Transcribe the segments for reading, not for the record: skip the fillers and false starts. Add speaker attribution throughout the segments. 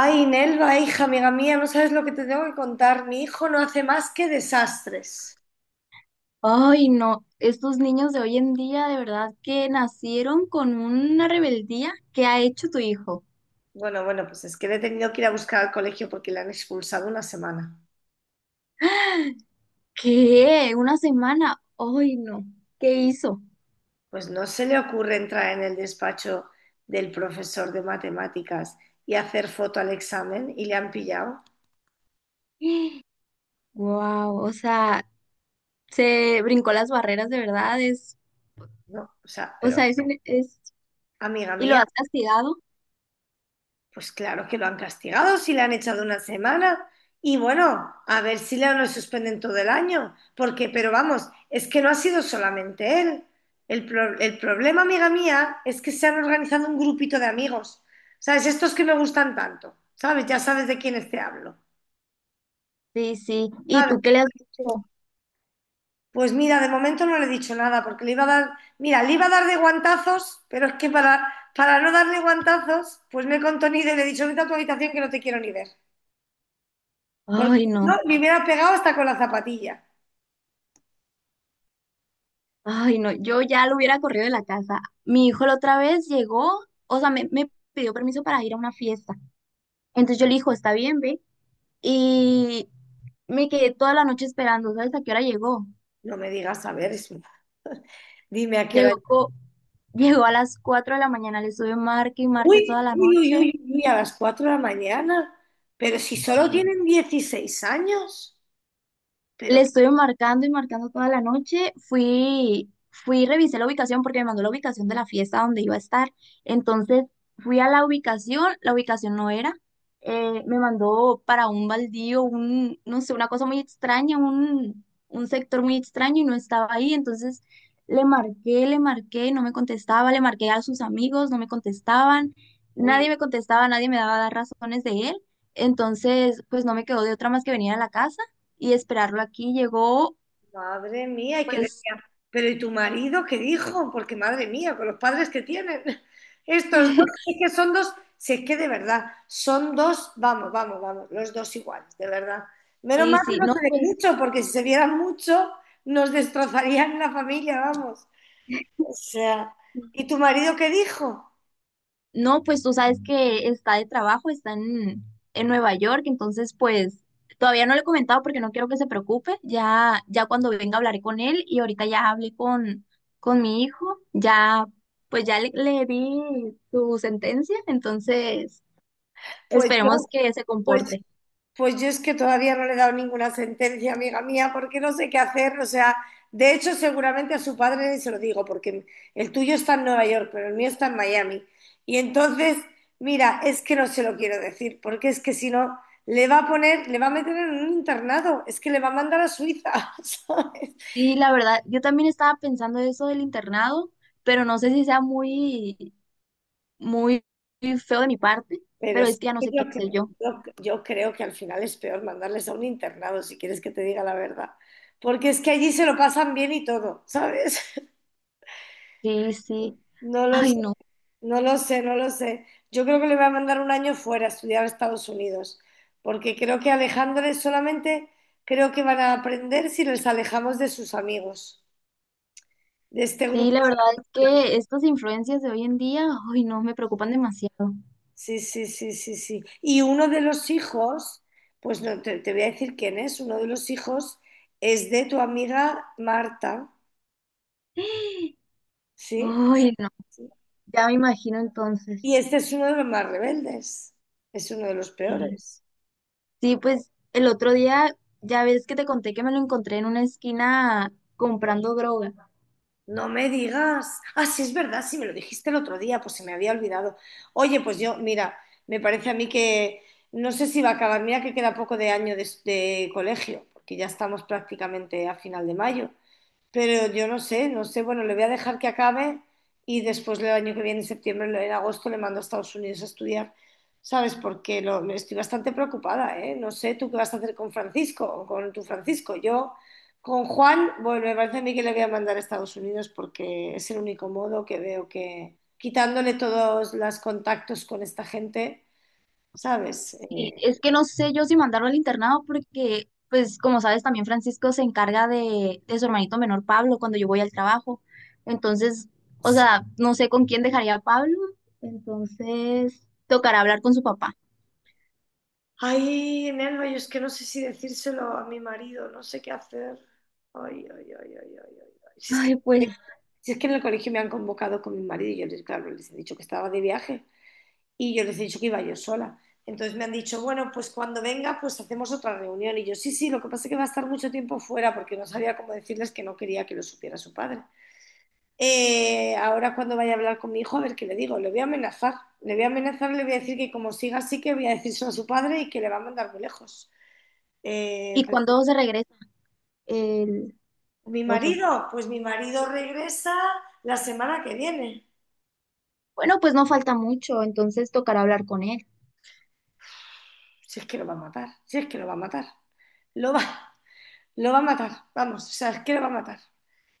Speaker 1: Ay, Nelva, hija, amiga mía, no sabes lo que te tengo que contar. Mi hijo no hace más que desastres.
Speaker 2: Ay, no, estos niños de hoy en día de verdad que nacieron con una rebeldía. ¿Qué ha hecho tu hijo?
Speaker 1: Bueno, bueno, pues es que le he tenido que ir a buscar al colegio porque le han expulsado una semana.
Speaker 2: ¿Qué? ¿Una semana? Ay, no, ¿qué hizo?
Speaker 1: Pues no se le ocurre entrar en el despacho del profesor de matemáticas y hacer foto al examen y le han pillado.
Speaker 2: Wow, o sea, se brincó las barreras de verdad, es,
Speaker 1: No, o sea,
Speaker 2: o
Speaker 1: pero
Speaker 2: sea, es,
Speaker 1: amiga
Speaker 2: y lo
Speaker 1: mía.
Speaker 2: has castigado.
Speaker 1: Pues claro que lo han castigado si le han echado una semana. Y bueno, a ver si le no suspenden todo el año. Porque, pero vamos, es que no ha sido solamente él. El problema, amiga mía, es que se han organizado un grupito de amigos. ¿Sabes? Estos que me gustan tanto. ¿Sabes? Ya sabes de quiénes te hablo.
Speaker 2: Sí, sí, ¿y
Speaker 1: ¿Sabes?
Speaker 2: tú qué le has dicho?
Speaker 1: Pues mira, de momento no le he dicho nada porque le iba a dar, mira, le iba a dar de guantazos, pero es que para no darle guantazos, pues me he contenido y le he dicho, vete a tu habitación que no te quiero ni ver. Porque
Speaker 2: Ay,
Speaker 1: si
Speaker 2: no,
Speaker 1: no, me hubiera pegado hasta con la zapatilla.
Speaker 2: ay, no, yo ya lo hubiera corrido de la casa. Mi hijo la otra vez llegó, o sea, me pidió permiso para ir a una fiesta. Entonces yo le dije, está bien, ve. Y me quedé toda la noche esperando, ¿sabes a qué hora llegó?
Speaker 1: No me digas, a ver, dime a qué hora.
Speaker 2: Llegó, co- llegó a las 4 de la mañana, le estuve marque y
Speaker 1: Uy,
Speaker 2: marque toda la
Speaker 1: uy, uy,
Speaker 2: noche.
Speaker 1: uy, uy, a las 4 de la mañana. Pero si solo tienen 16 años.
Speaker 2: Le
Speaker 1: Pero,
Speaker 2: estuve marcando y marcando toda la noche. Fui, revisé la ubicación porque me mandó la ubicación de la fiesta donde iba a estar. Entonces fui a la ubicación no era. Me mandó para un baldío, un, no sé, una cosa muy extraña, un sector muy extraño y no estaba ahí. Entonces le marqué, no me contestaba, le marqué a sus amigos, no me contestaban. Nadie
Speaker 1: uy,
Speaker 2: me contestaba, nadie me daba razones de él. Entonces, pues no me quedó de otra más que venir a la casa y esperarlo aquí. Llegó,
Speaker 1: madre mía, y que
Speaker 2: pues,
Speaker 1: decía, pero ¿y tu marido qué dijo? Porque madre mía, con los padres que tienen, estos dos, es que son dos, si es que de verdad, son dos, vamos, vamos, vamos, los dos iguales, de verdad. Menos
Speaker 2: sí,
Speaker 1: mal que
Speaker 2: sí,
Speaker 1: no
Speaker 2: no,
Speaker 1: se ven
Speaker 2: pues,
Speaker 1: mucho, porque si se vieran mucho, nos destrozarían la familia, vamos. O sea, ¿y tu marido qué dijo?
Speaker 2: no, pues tú sabes que está de trabajo, en Nueva York, entonces, pues, todavía no le he comentado porque no quiero que se preocupe. Ya, ya cuando venga hablaré con él y ahorita ya hablé con mi hijo, ya, pues ya le di su sentencia, entonces,
Speaker 1: Pues
Speaker 2: esperemos
Speaker 1: yo,
Speaker 2: que se
Speaker 1: pues
Speaker 2: comporte.
Speaker 1: Pues yo es que todavía no le he dado ninguna sentencia, amiga mía, porque no sé qué hacer. O sea, de hecho, seguramente a su padre se lo digo, porque el tuyo está en Nueva York, pero el mío está en Miami. Y entonces, mira, es que no se lo quiero decir, porque es que si no, le va a poner, le va a meter en un internado, es que le va a mandar a Suiza, ¿sabes?
Speaker 2: Sí, la verdad, yo también estaba pensando eso del internado, pero no sé si sea muy feo de mi parte,
Speaker 1: Pero
Speaker 2: pero
Speaker 1: sí
Speaker 2: es que ya no
Speaker 1: que
Speaker 2: sé qué
Speaker 1: yo
Speaker 2: hacer
Speaker 1: creo,
Speaker 2: yo.
Speaker 1: yo creo que al final es peor mandarles a un internado, si quieres que te diga la verdad. Porque es que allí se lo pasan bien y todo, ¿sabes?
Speaker 2: Sí, sí.
Speaker 1: No lo
Speaker 2: Ay,
Speaker 1: sé.
Speaker 2: no.
Speaker 1: No lo sé, no lo sé. Yo creo que le voy a mandar un año fuera a estudiar a Estados Unidos, porque creo que alejándoles solamente, creo que van a aprender si les alejamos de sus amigos, de este
Speaker 2: Sí,
Speaker 1: grupo.
Speaker 2: la verdad es que estas influencias de hoy en día, ay, no, me preocupan demasiado.
Speaker 1: Sí, sí, sí, sí, sí. Y uno de los hijos, pues no te, te voy a decir quién es, uno de los hijos es de tu amiga Marta, ¿sí?
Speaker 2: Ay, no.
Speaker 1: Sí.
Speaker 2: Ya me imagino entonces.
Speaker 1: Y este es uno de los más rebeldes, es uno de los
Speaker 2: Sí,
Speaker 1: peores.
Speaker 2: sí, pues el otro día, ya ves que te conté que me lo encontré en una esquina comprando droga.
Speaker 1: No me digas. Ah, sí, es verdad, sí, me lo dijiste el otro día, pues se me había olvidado. Oye, pues yo, mira, me parece a mí que no sé si va a acabar. Mira que queda poco de año de colegio, porque ya estamos prácticamente a final de mayo. Pero yo no sé, no sé. Bueno, le voy a dejar que acabe y después del año que viene, en septiembre, en agosto, le mando a Estados Unidos a estudiar, ¿sabes? Porque estoy bastante preocupada, ¿eh? No sé tú qué vas a hacer con Francisco o con tu Francisco. Yo, con Juan, bueno, me parece a mí que le voy a mandar a Estados Unidos porque es el único modo que veo que, quitándole todos los contactos con esta gente, ¿sabes?
Speaker 2: Sí, es que no sé yo si mandarlo al internado porque, pues, como sabes, también Francisco se encarga de su hermanito menor Pablo cuando yo voy al trabajo. Entonces, o
Speaker 1: Sí.
Speaker 2: sea, no sé con quién dejaría a Pablo. Entonces, tocará hablar con su papá.
Speaker 1: Ay, Nelva, yo es que no sé si decírselo a mi marido, no sé qué hacer. Ay, ay, ay, ay, ay, ay, ay. Si es
Speaker 2: Ay,
Speaker 1: que,
Speaker 2: pues,
Speaker 1: si es que en el colegio me han convocado con mi marido y yo les, claro, les he dicho que estaba de viaje y yo les he dicho que iba yo sola. Entonces me han dicho, bueno, pues cuando venga, pues hacemos otra reunión. Y yo, sí, sí, lo que pasa es que va a estar mucho tiempo fuera porque no sabía cómo decirles que no quería que lo supiera su padre. Ahora cuando vaya a hablar con mi hijo, a ver qué le digo, le voy a amenazar, le voy a amenazar, le voy a decir que como siga así, que voy a decírselo a su padre y que le va a mandar muy lejos. Eh,
Speaker 2: ¿y cuándo se regresa el
Speaker 1: Mi
Speaker 2: esposo?
Speaker 1: marido, pues mi marido regresa la semana que viene.
Speaker 2: Bueno, pues no falta mucho, entonces tocará hablar con él.
Speaker 1: Si es que lo va a matar, si es que lo va a matar. Lo va, Lo va a matar, vamos, o sea, es que lo va a matar.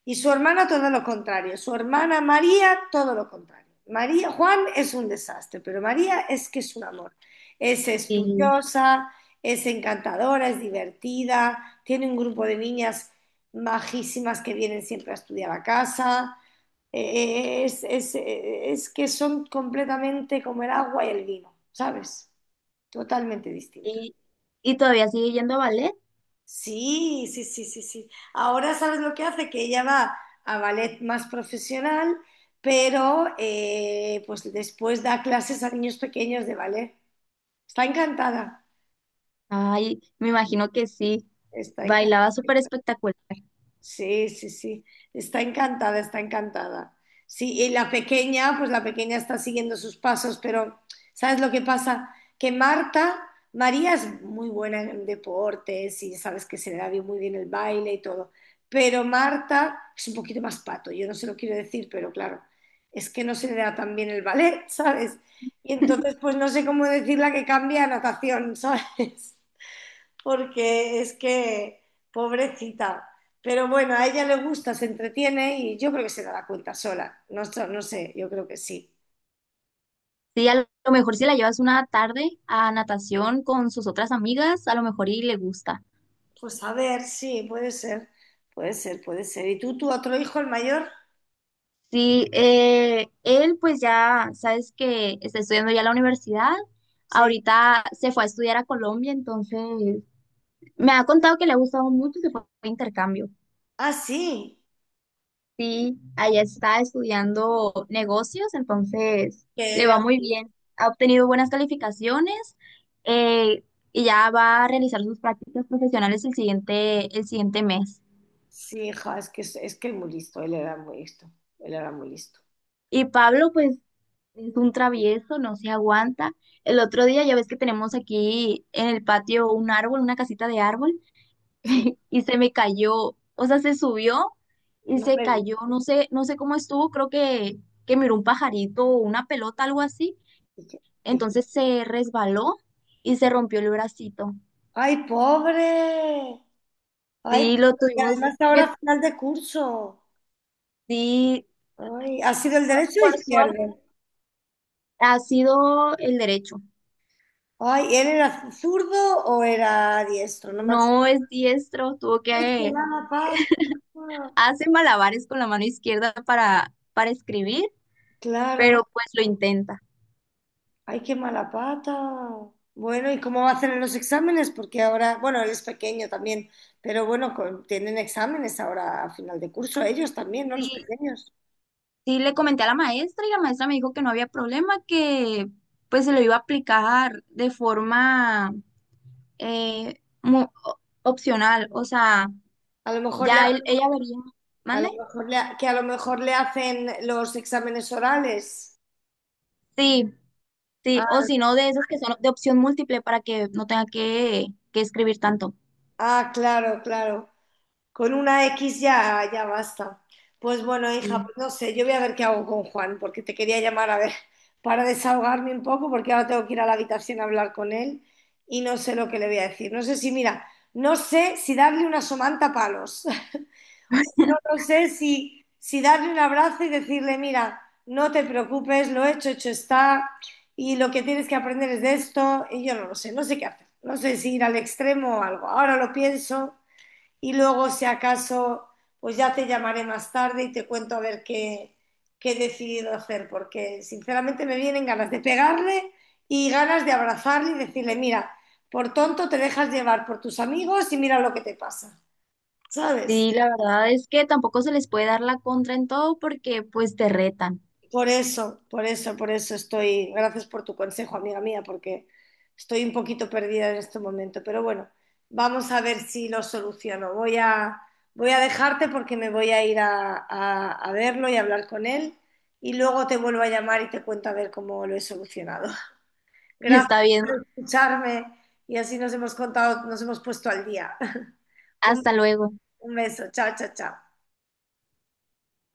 Speaker 1: Y su hermana todo lo contrario, su hermana María todo lo contrario. María, Juan es un desastre, pero María es que es un amor. Es
Speaker 2: Y,
Speaker 1: estudiosa, es encantadora, es divertida, tiene un grupo de niñas majísimas que vienen siempre a estudiar a casa. Es que son completamente como el agua y el vino, ¿sabes? Totalmente distintos.
Speaker 2: y, y todavía sigue yendo a ballet.
Speaker 1: Sí, sí, sí, sí, sí. Ahora sabes lo que hace, que ella va a ballet más profesional, pero pues después da clases a niños pequeños de ballet. Está encantada,
Speaker 2: Ay, me imagino que sí,
Speaker 1: está encantada.
Speaker 2: bailaba súper espectacular.
Speaker 1: Sí, sí, sí. Está encantada, está encantada. Sí, y la pequeña, pues la pequeña está siguiendo sus pasos, pero ¿sabes lo que pasa? Que María es muy buena en deportes y sabes que se le da muy bien el baile y todo, pero Marta es un poquito más pato, yo no se lo quiero decir, pero claro, es que no se le da tan bien el ballet, ¿sabes? Y entonces, pues no sé cómo decirle que cambie a natación, ¿sabes? Porque es que, pobrecita. Pero bueno, a ella le gusta, se entretiene y yo creo que se dará cuenta sola. No, no sé, yo creo que sí.
Speaker 2: Sí, a lo mejor si la llevas una tarde a natación con sus otras amigas, a lo mejor y le gusta.
Speaker 1: Pues a ver, sí, puede ser, puede ser, puede ser. ¿Y tú, tu otro hijo, el mayor?
Speaker 2: Sí, él pues ya sabes que está estudiando ya la universidad.
Speaker 1: Sí.
Speaker 2: Ahorita se fue a estudiar a Colombia, entonces me ha contado que le ha gustado mucho, se fue a intercambio.
Speaker 1: Ah, sí.
Speaker 2: Sí, allá está estudiando negocios, entonces
Speaker 1: Que
Speaker 2: le va
Speaker 1: era.
Speaker 2: muy bien. Ha obtenido buenas calificaciones eh, y ya va a realizar sus prácticas profesionales el siguiente mes.
Speaker 1: Sí, hija, es que es muy listo, él era muy listo, él era muy listo.
Speaker 2: Y Pablo, pues, es un travieso, no se aguanta. El otro día, ya ves que tenemos aquí en el patio un árbol, una casita de árbol,
Speaker 1: Sí.
Speaker 2: y se me cayó, o sea, se subió y
Speaker 1: No
Speaker 2: se
Speaker 1: me-
Speaker 2: cayó, no sé, no sé cómo estuvo, que miró un pajarito o una pelota, algo así.
Speaker 1: dije- Dije,
Speaker 2: Entonces se resbaló y se rompió el bracito.
Speaker 1: ¡ay, pobre! ¡Ay,
Speaker 2: Sí, lo
Speaker 1: pobre! Que
Speaker 2: tuvimos,
Speaker 1: además
Speaker 2: me-
Speaker 1: ahora final de curso.
Speaker 2: sí,
Speaker 1: Ay, ¿ha sido el derecho o
Speaker 2: por suerte,
Speaker 1: izquierdo?
Speaker 2: ha sido el derecho.
Speaker 1: Ay, ¿él era zurdo o era diestro? No me
Speaker 2: No
Speaker 1: acuerdo.
Speaker 2: es diestro, tuvo
Speaker 1: Ay, qué
Speaker 2: que
Speaker 1: mala pata.
Speaker 2: hace malabares con la mano izquierda para escribir,
Speaker 1: Claro.
Speaker 2: pero pues lo intenta.
Speaker 1: Ay, qué mala pata. Bueno, ¿y cómo va a hacer en los exámenes? Porque ahora, bueno, él es pequeño también, pero bueno, tienen exámenes ahora a final de curso, ellos también, ¿no? Los
Speaker 2: Sí,
Speaker 1: pequeños.
Speaker 2: sí, le comenté a la maestra y la maestra me dijo que no había problema, que pues se lo iba a aplicar de forma opcional, o sea,
Speaker 1: A lo mejor le, ha-
Speaker 2: ella vería. ¿Mande?
Speaker 1: a lo mejor le hacen los exámenes orales.
Speaker 2: Sí, sí, o
Speaker 1: Ah,
Speaker 2: si no, de esos que son de opción múltiple para que no tenga que escribir tanto.
Speaker 1: ah, claro, claro. Con una X ya, ya basta. Pues bueno, hija,
Speaker 2: Sí.
Speaker 1: pues no sé, yo voy a ver qué hago con Juan, porque te quería llamar a ver, para desahogarme un poco, porque ahora tengo que ir a la habitación a hablar con él y no sé lo que le voy a decir. No sé si, mira, no sé si darle una somanta a palos, no no sé si, si darle un abrazo y decirle, mira, no te preocupes, lo hecho, hecho está, y lo que tienes que aprender es de esto, y yo no lo sé, no sé qué hacer, no sé si ir al extremo o algo. Ahora lo pienso y luego si acaso, pues ya te llamaré más tarde y te cuento a ver qué, he decidido hacer, porque sinceramente me vienen ganas de pegarle y ganas de abrazarle y decirle, mira, por tonto te dejas llevar por tus amigos y mira lo que te pasa, ¿sabes?
Speaker 2: Sí, la verdad es que tampoco se les puede dar la contra en todo porque pues te retan.
Speaker 1: Por eso, por eso, por eso estoy. Gracias por tu consejo, amiga mía, porque estoy un poquito perdida en este momento. Pero bueno, vamos a ver si lo soluciono. Voy a dejarte porque me voy a ir a verlo y hablar con él. Y luego te vuelvo a llamar y te cuento a ver cómo lo he solucionado.
Speaker 2: Está
Speaker 1: Gracias
Speaker 2: bien.
Speaker 1: por escucharme y así nos hemos contado, nos hemos puesto al día. Un,
Speaker 2: Hasta luego.
Speaker 1: un beso. Chao, chao, chao.